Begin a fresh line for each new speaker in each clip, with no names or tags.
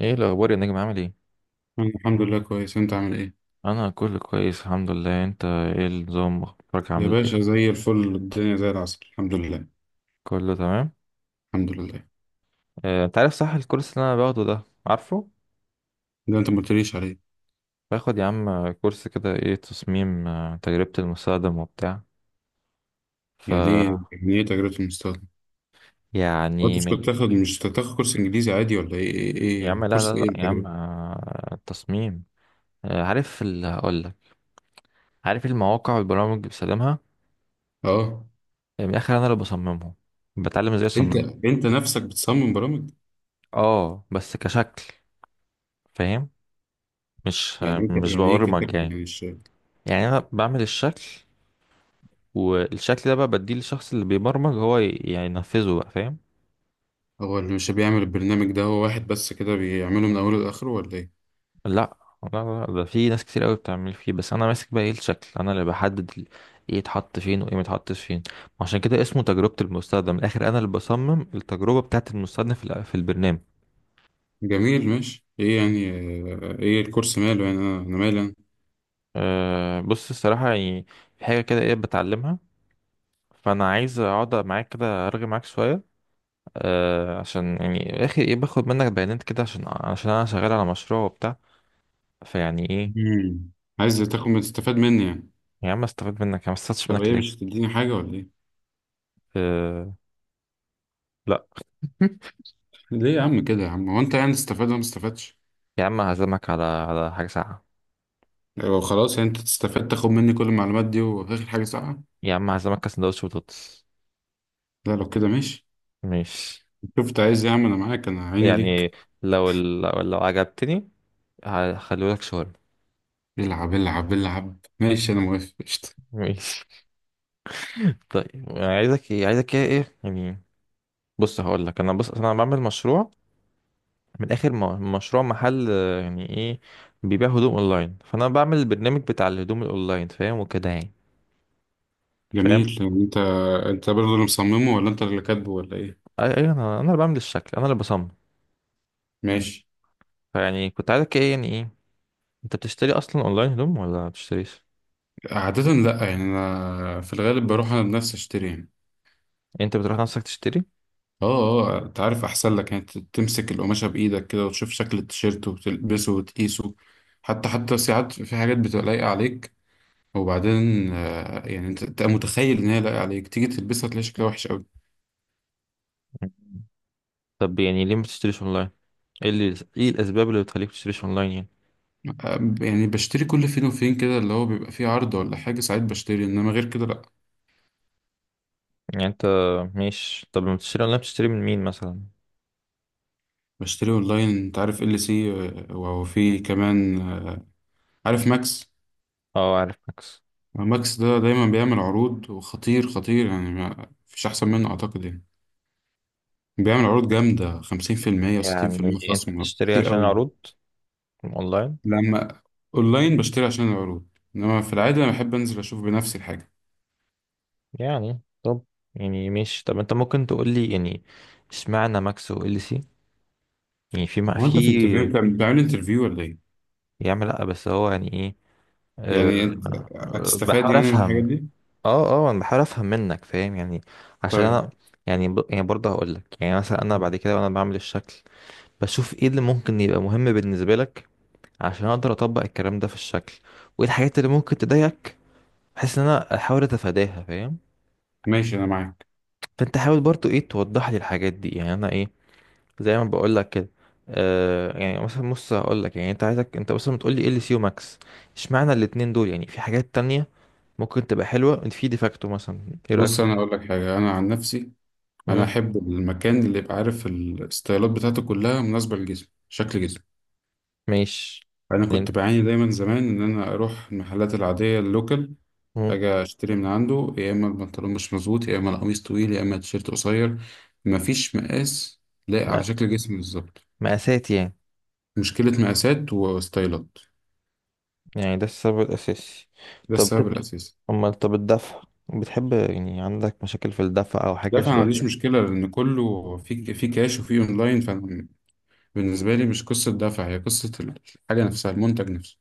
ايه الاخبار يا نجم، عامل ايه؟
أنا الحمد لله كويس. انت عامل ايه؟
انا كله كويس الحمد لله. انت ايه النظام، اخبارك،
يا
عامل
باشا،
ايه؟
زي الفل، الدنيا زي العسل، الحمد لله.
كله تمام.
الحمد لله.
انت عارف، صح؟ الكورس اللي انا باخده ده، عارفه؟
ده انت ما قلتليش عليه.
باخد يا عم كورس كده، ايه، تصميم، تجربة المستخدم وبتاع. ف
يعني ايه تجربة المستقبل؟ انت
يعني مل...
مش تاخد كورس انجليزي عادي ولا
يا عم،
إيه؟
لا لا
كورس ايه،
لا، يا عم،
التجربة؟
تصميم. عارف اللي هقول لك. عارف المواقع والبرامج اللي بستخدمها.
اه،
من الاخر انا اللي بصممهم. بتعلم ازاي
انت
اصمم.
انت نفسك بتصمم برامج؟
اه، بس كشكل. فاهم. مش آه، مش
يعني ايه
ببرمج
كاتب
يعني.
يعني مش...
يعني انا بعمل الشكل، والشكل ده بقى بديه للشخص اللي بيبرمج، هو يعني ينفذه بقى، فاهم؟
هو اللي مش بيعمل البرنامج ده، هو واحد بس كده بيعمله من اوله لاخره ولا ايه؟
لا لا لا لا، ده في ناس كتير قوي بتعمل فيه، بس انا ماسك بقى، ايه الشكل، انا اللي بحدد ايه يتحط فين وايه ما يتحطش فين. عشان كده اسمه تجربة المستخدم. من الاخر انا اللي بصمم التجربة بتاعة المستخدم في البرنامج.
جميل، ماشي، ايه يعني؟ ايه الكورس ماله يعني؟ أنا مالي انا.
بص الصراحة يعني، في حاجة كده ايه بتعلمها، فانا عايز اقعد معاك كده ارغي معاك شوية. عشان يعني يا اخي، ايه، باخد منك بيانات كده، عشان انا شغال على مشروع وبتاع، فيعني ايه؟
مم. عايز تاخد تستفاد مني يعني؟
يا عم استفاد منك، يا عم، استفدتش
طب
منك
ايه، مش
ليه؟
هتديني حاجة ولا ايه؟
أه... لا.
ليه يا عم كده يا عم؟ هو انت يعني تستفاد ولا ما استفادش؟
يا عم هعزمك على حاجة ساقعة.
يعني لو خلاص، يعني انت تستفاد تاخد مني كل المعلومات دي وفي الاخر حاجة ساقعة؟
يا عم هعزمك على سندوتش بطاطس.
لا، لو كده ماشي.
مش
شوف انت عايز ايه يا عم، انا معاك، انا عيني
يعني
ليك.
لو ال... لو لو عجبتني، هخليهولك شاورما.
العب، العب، العب، ماشي، انا موافق، قشطة.
ماشي. طيب، عايزك ايه، ايه يعني؟ بص هقول لك، انا بص انا بعمل مشروع، من اخر مشروع محل، يعني ايه، بيبيع هدوم اونلاين. فانا بعمل البرنامج بتاع الهدوم الاونلاين، فاهم وكده يعني. فاهم.
جميل، يعني انت برضه اللي مصممه ولا انت اللي كاتبه ولا ايه؟
اي، انا اللي بعمل الشكل، انا اللي بصمم.
ماشي.
فيعني كنت عايزك ايه، يعني ايه، انت بتشتري اصلا اونلاين هدوم ولا ما بتشتريش؟
عادة لا، يعني انا في الغالب بروح انا بنفسي اشتري يعني.
يعني انت بتروح نفسك تشتري.
اه، اه، انت عارف احسن لك، يعني تمسك القماشة بايدك كده وتشوف شكل التيشيرت وتلبسه وتقيسه. حتى ساعات في حاجات بتبقى لايقة عليك. وبعدين يعني انت تبقى متخيل ان هي لايقة عليك، تيجي تلبسها تلاقي شكلها وحش قوي.
طب يعني ليه ما بتشتريش اونلاين؟ ايه الاسباب اللي بتخليك تشتريش اونلاين يعني؟
يعني بشتري كل فين وفين كده، اللي هو بيبقى فيه عرض ولا حاجة، ساعات بشتري، انما غير كده لا.
يعني انت، مش طب لما بتشتري اونلاين بتشتري من مين مثلا؟
بشتري اونلاين، انت عارف ال سي. وفي كمان، عارف ماكس.
اه، عارف ماكس.
ماكس ده دايما بيعمل عروض وخطير خطير، يعني ما فيش احسن منه اعتقد يعني. بيعمل عروض جامدة، 50%
يعني
و60%
انت
خصم،
بتشتري
كتير
عشان
قوي.
عروض اونلاين
لما أونلاين بشتري عشان العروض. إنما في العادة أنا بحب أنزل أشوف بنفسي الحاجة.
يعني؟ طب، يعني مش طب انت ممكن تقول لي يعني، اشمعنى ماكس و ال سي؟ يعني في ما
هو
في.
أنت في انترفيو؟ أنت بتعمل انترفيو ولا إيه؟
يا عم لا، بس هو يعني ايه،
يعني أنت
أه... آه،
هتستفاد
بحاول
يعني من
افهم.
الحاجات دي؟
اه اه، انا بحاول افهم منك، فاهم يعني، عشان
طيب،
انا، يعني برضه هقول لك، يعني مثلا انا بعد كده وانا بعمل الشكل، بشوف ايه اللي ممكن يبقى مهم بالنسبه لك، عشان اقدر اطبق الكلام ده في الشكل، وايه الحاجات اللي ممكن تضايقك، بحيث ان انا احاول اتفاداها، فاهم؟
ماشي، أنا معاك.
فانت حاول برضه، ايه، توضح لي الحاجات دي يعني، انا ايه، زي ما بقول لك كده. يعني مثلا، بص هقول لك، يعني انت عايزك، انت مثلا بتقول لي ال سي وماكس، اشمعنى الاتنين دول؟ يعني في حاجات تانية ممكن تبقى حلوه، في ديفاكتو مثلا، ايه رايك في
بص، أنا أقول لك حاجة، أنا عن نفسي، أنا
ده؟
أحب المكان اللي يبقى عارف الستايلات بتاعته كلها مناسبة لجسمي، شكل جسمي.
ماشي
أنا
يعني.
كنت بعاني دايما زمان إن أنا أروح المحلات العادية، اللوكال،
مم.
اجي اشتري من عنده، يا اما البنطلون مش مظبوط، يا اما القميص طويل، يا اما التيشيرت قصير، مفيش مقاس لايق على
لا،
شكل جسمي بالظبط.
مقاسات يعني.
مشكلة مقاسات وستايلات.
يعني ده السبب الأساسي.
ده
طب
السبب
بت-
الأساسي.
أمال طب الدفع، بتحب يعني عندك مشاكل في الدفع أو
لا،
حاجة
فأنا ما
شبه
عنديش
كده؟
مشكلة لأن كله في كاش وفي أونلاين، فأنا بالنسبة لي مش قصة دفع، هي قصة الحاجة نفسها، المنتج نفسه.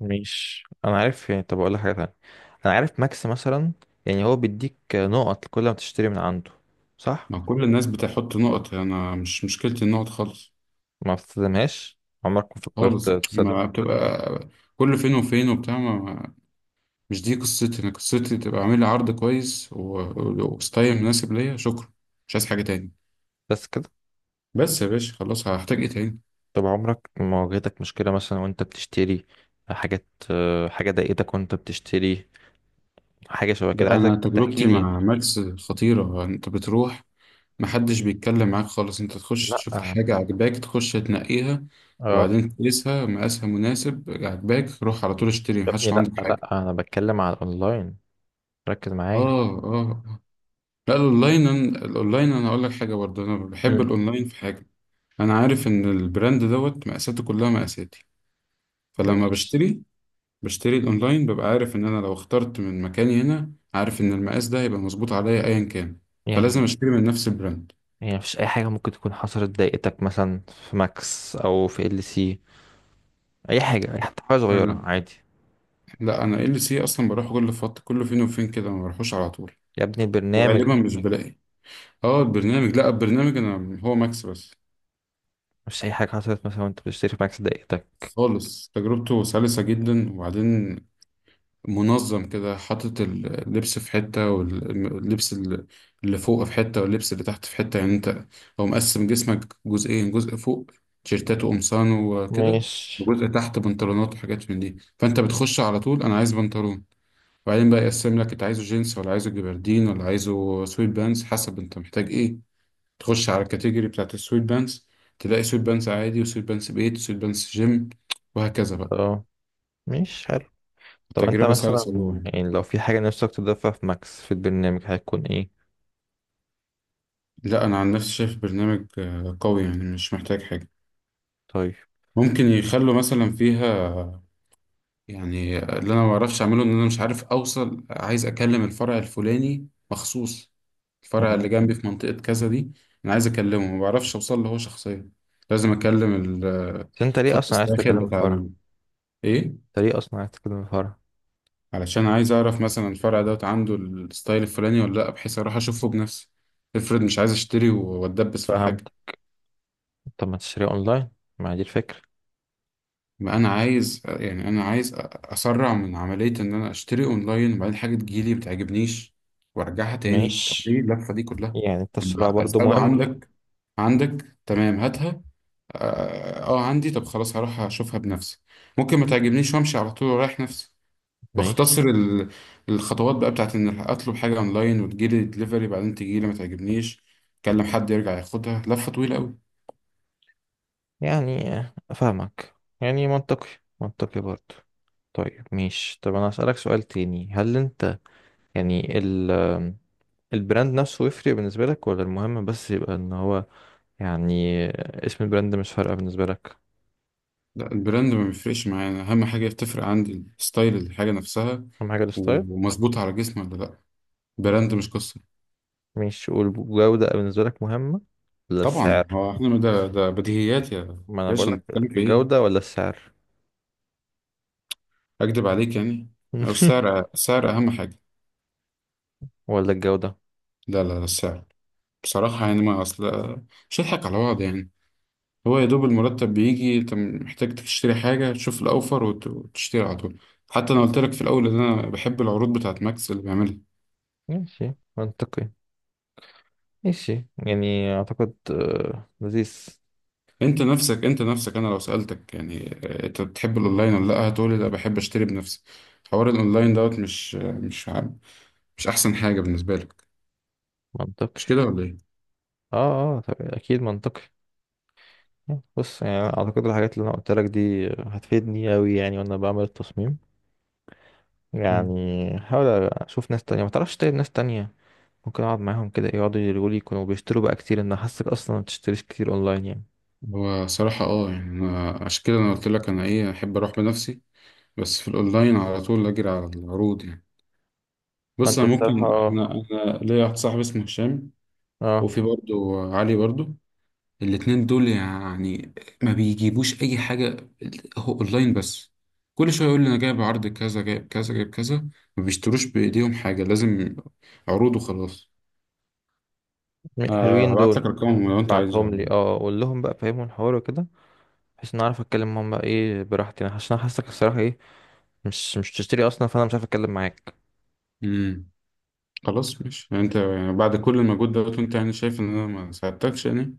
مش أنا عارف يعني. طب أقول لك حاجة تانية، أنا عارف ماكس مثلا، يعني هو بيديك نقط كل ما تشتري من عنده، صح؟
ما كل الناس بتحط نقط، أنا مش مشكلتي النقط خالص.
ما بتستخدمهاش؟ عمرك ما فكرت
خالص،
تستخدم؟
ما بتبقى كل فين وفين وبتاع ما... مش دي قصتي، انا قصتي تبقى عامل لي عرض كويس وستايل مناسب ليا، شكرا. مش عايز حاجه تاني.
بس كده.
بس يا باشا، خلاص، هحتاج ايه تاني؟
طب عمرك ما واجهتك مشكلة مثلا وأنت بتشتري حاجات، حاجة ضايقتك وأنت بتشتري، حاجة شبه كده،
بقى انا
عايزك تحكي
تجربتي
لي يعني.
مع ماكس خطيره. انت بتروح، محدش بيتكلم معاك خالص، انت تخش
لا.
تشوف الحاجه عجباك، تخش تنقيها،
اه.
وبعدين تقيسها مقاسها مناسب عجباك، روح على طول اشتري،
يا
محدش
ابني
لو
لا
عندك حاجه.
لا، انا بتكلم على الاونلاين، ركز معايا.
اه، اه، آه. لا، الاونلاين، الاونلاين انا اقول لك حاجه برضه، انا بحب
امم.
الاونلاين في حاجه. انا عارف ان البراند دوت مقاساته كلها مقاساتي، فلما
مش
بشتري الاونلاين، ببقى عارف ان انا لو اخترت من مكاني هنا، عارف ان المقاس ده هيبقى مظبوط عليا ايا كان. فلازم
يعني،
اشتري من نفس البراند.
يعني مفيش اي حاجه ممكن تكون حصلت ضايقتك مثلا في ماكس او في ال سي، اي، حتى حاجه صغيره،
انا
عادي.
لا، انا ال سي اصلا بروح كل فتره، كل فين وفين كده، ما بروحوش على طول،
يا ابني البرنامج،
وغالبا مش بلاقي. اه البرنامج لا، البرنامج انا هو ماكس بس.
مش اي حاجه حصلت مثلا وانت بتشتري في ماكس ضايقتك؟
خالص، تجربته سلسه جدا. وبعدين منظم كده، حاطط اللبس في حتة، واللبس اللي فوق في حتة، واللبس اللي تحت في حتة. يعني انت، هو مقسم جسمك جزئين، جزء فوق تيشيرتات وقمصان وكده،
مش
وجزء تحت بنطلونات وحاجات من دي. فانت بتخش على طول، انا عايز بنطلون، وبعدين بقى يقسم لك انت عايزه جينز ولا عايزه جبردين ولا عايزه سويت بانز، حسب انت محتاج ايه. تخش على الكاتيجوري بتاعت السويت بانز، تلاقي سويت بانز عادي، وسويت بانز بيت، وسويت بانز جيم، وهكذا بقى.
اه. مش حلو. طب انت
تجربة
مثلا،
سلسة جوه يعني.
يعني لو في حاجه نفسك تضيفها في ماكس في البرنامج هتكون ايه؟
لا، انا عن نفسي شايف برنامج قوي يعني، مش محتاج حاجه.
طيب.
ممكن يخلوا مثلا فيها، يعني اللي انا ما بعرفش اعمله ان انا مش عارف اوصل. عايز اكلم الفرع الفلاني مخصوص، الفرع اللي جنبي
مم.
في منطقه كذا دي. انا عايز اكلمه، ما بعرفش اوصل له هو شخصيا. لازم اكلم
بس انت ليه
الخط
اصلا عايز
الساخن
تكلم
بتاع
الفرع؟
ال... ايه.
انت ليه اصلا عايز تكلم الفرع؟
علشان عايز اعرف مثلا الفرع دوت عنده الستايل الفلاني ولا لا، بحيث اروح اشوفه بنفسي. افرض مش عايز اشتري واتدبس في
فاهم.
الحاجه.
طب ما تشتريها اونلاين؟ ما دي الفكرة.
ما انا عايز، يعني انا عايز اسرع من عمليه ان انا اشتري اونلاين وبعدين حاجه تجيلي ما تعجبنيش وارجعها تاني. طب ليه
ماشي.
اللفه دي كلها؟
يعني التسرع
أنا
برضو
اساله
مهم.
عندك تمام، هاتها. اه، عندي؟ طب خلاص، هروح اشوفها بنفسي. ممكن ما تعجبنيش وامشي على طول ورايح نفسي.
ماشي
واختصر الخطوات بقى بتاعت ان اطلب حاجه اونلاين وتجيلي دليفري، بعدين تجيلي ما تعجبنيش، اكلم حد يرجع ياخدها، لفه طويله قوي.
يعني، افهمك، يعني منطقي، منطقي برضو. طيب ماشي. طب انا هسألك سؤال تاني، هل انت يعني البراند نفسه يفرق بالنسبة لك، ولا المهم بس يبقى ان هو يعني اسم البراند مش فارقة بالنسبة لك؟
لا، البراند ما بيفرقش معايا. أنا اهم حاجه بتفرق عندي ستايل الحاجه نفسها
اهم حاجة الستايل؟
ومظبوطه على جسمي ولا لا، براند مش قصه.
مش والجودة بالنسبة لك مهمة، ولا
طبعا،
السعر؟
هو احنا ده بديهيات يا
ما انا
باشا، انت
بقولك،
بتتكلم في ايه؟
الجودة ولا السعر؟
اكدب عليك يعني؟ هو السعر اهم حاجه.
ولا الجودة.
لا، لا، لا، السعر. بصراحه يعني، ما اصل مش هضحك على بعض يعني. هو يا دوب المرتب بيجي، انت محتاج تشتري حاجه، تشوف الاوفر وتشتري على طول. حتى انا قلت لك في الاول ان انا بحب العروض بتاعت ماكس اللي بيعملها.
ماشي منطقي. ماشي يعني اعتقد لذيذ.
انت نفسك انا لو سألتك يعني انت بتحب الاونلاين ولا لا، هتقولي لا، بحب اشتري بنفسي. حوار الاونلاين دوت مش مش احسن حاجة بالنسبة لك.
منطقي.
مش كده ولا ايه؟
اه اه، طب اكيد منطقي. بص يعني اعتقد الحاجات اللي انا قلت لك دي هتفيدني اوي يعني وانا بعمل التصميم.
مم.
يعني هحاول اشوف ناس تانية، ما تعرفش طيب ناس تانية ممكن اقعد معاهم كده، يقعدوا يقولوا لي، يكونوا بيشتروا بقى كتير، ان حاسك اصلا ما بتشتريش كتير اونلاين يعني.
هو صراحة اه، يعني انا عشان كده انا قلت لك انا ايه احب اروح بنفسي. بس في الاونلاين على طول اجري على العروض يعني.
ما
بص،
انت
انا
الصراحة
ممكن
اه.
انا انا ليا واحد صاحبي اسمه هشام،
اه.
وفي برضه علي برضه. الاتنين دول يعني ما بيجيبوش اي حاجة، هو اونلاين بس. كل شوية يقول لي انا جايب عرض كذا، جايب كذا، جايب كذا. ما بيشتروش بايديهم حاجة، لازم عروض وخلاص. آه،
حلوين
هبعت
دول،
لك ارقامهم لو انت
ابعتهم
عايزها.
لي، اه قول لهم بقى، فهمهم الحوار وكده، بحيث ان اعرف اتكلم معاهم بقى، ايه براحتي انا، عشان أنا حاسك الصراحة، ايه، مش تشتري اصلا، فانا مش عارف اتكلم معاك.
امم خلاص ماشي، يعني انت يعني بعد كل المجهود ده وانت يعني شايف ان انا ما ساعدتكش يعني.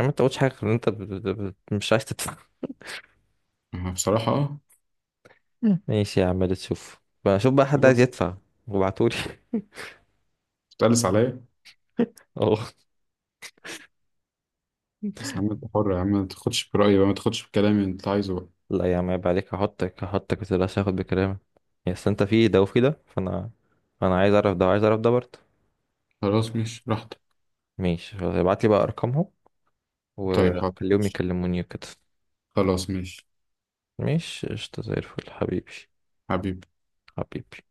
ما انت قلتش حاجه غير ان انت مش عايز تدفع.
بصراحة اه.
مم. ماشي يا عم، اللي تشوف، بشوف بقى حد عايز
خلاص.
يدفع وابعتولي.
تقلس عليا.
اه.
بس يا عم، انت حر يا عم، ما تاخدش برأيي بقى، ما تاخدش بكلامي، انت عايزه بقى.
لا يا عم عيب عليك، هحطك ما تقلقش، هاخد بكلامك. يا اصل انت في ده وفي ده، فانا انا عايز اعرف ده وعايز اعرف ده برضه.
خلاص، ماشي براحتك.
ماشي خلاص، ابعت لي بقى ارقامهم
طيب، حاضر،
وخليهم
ماشي.
يكلموني وكده.
خلاص ماشي.
ماشي قشطة زي الفل حبيبي.
حبيبي.
حبيبي.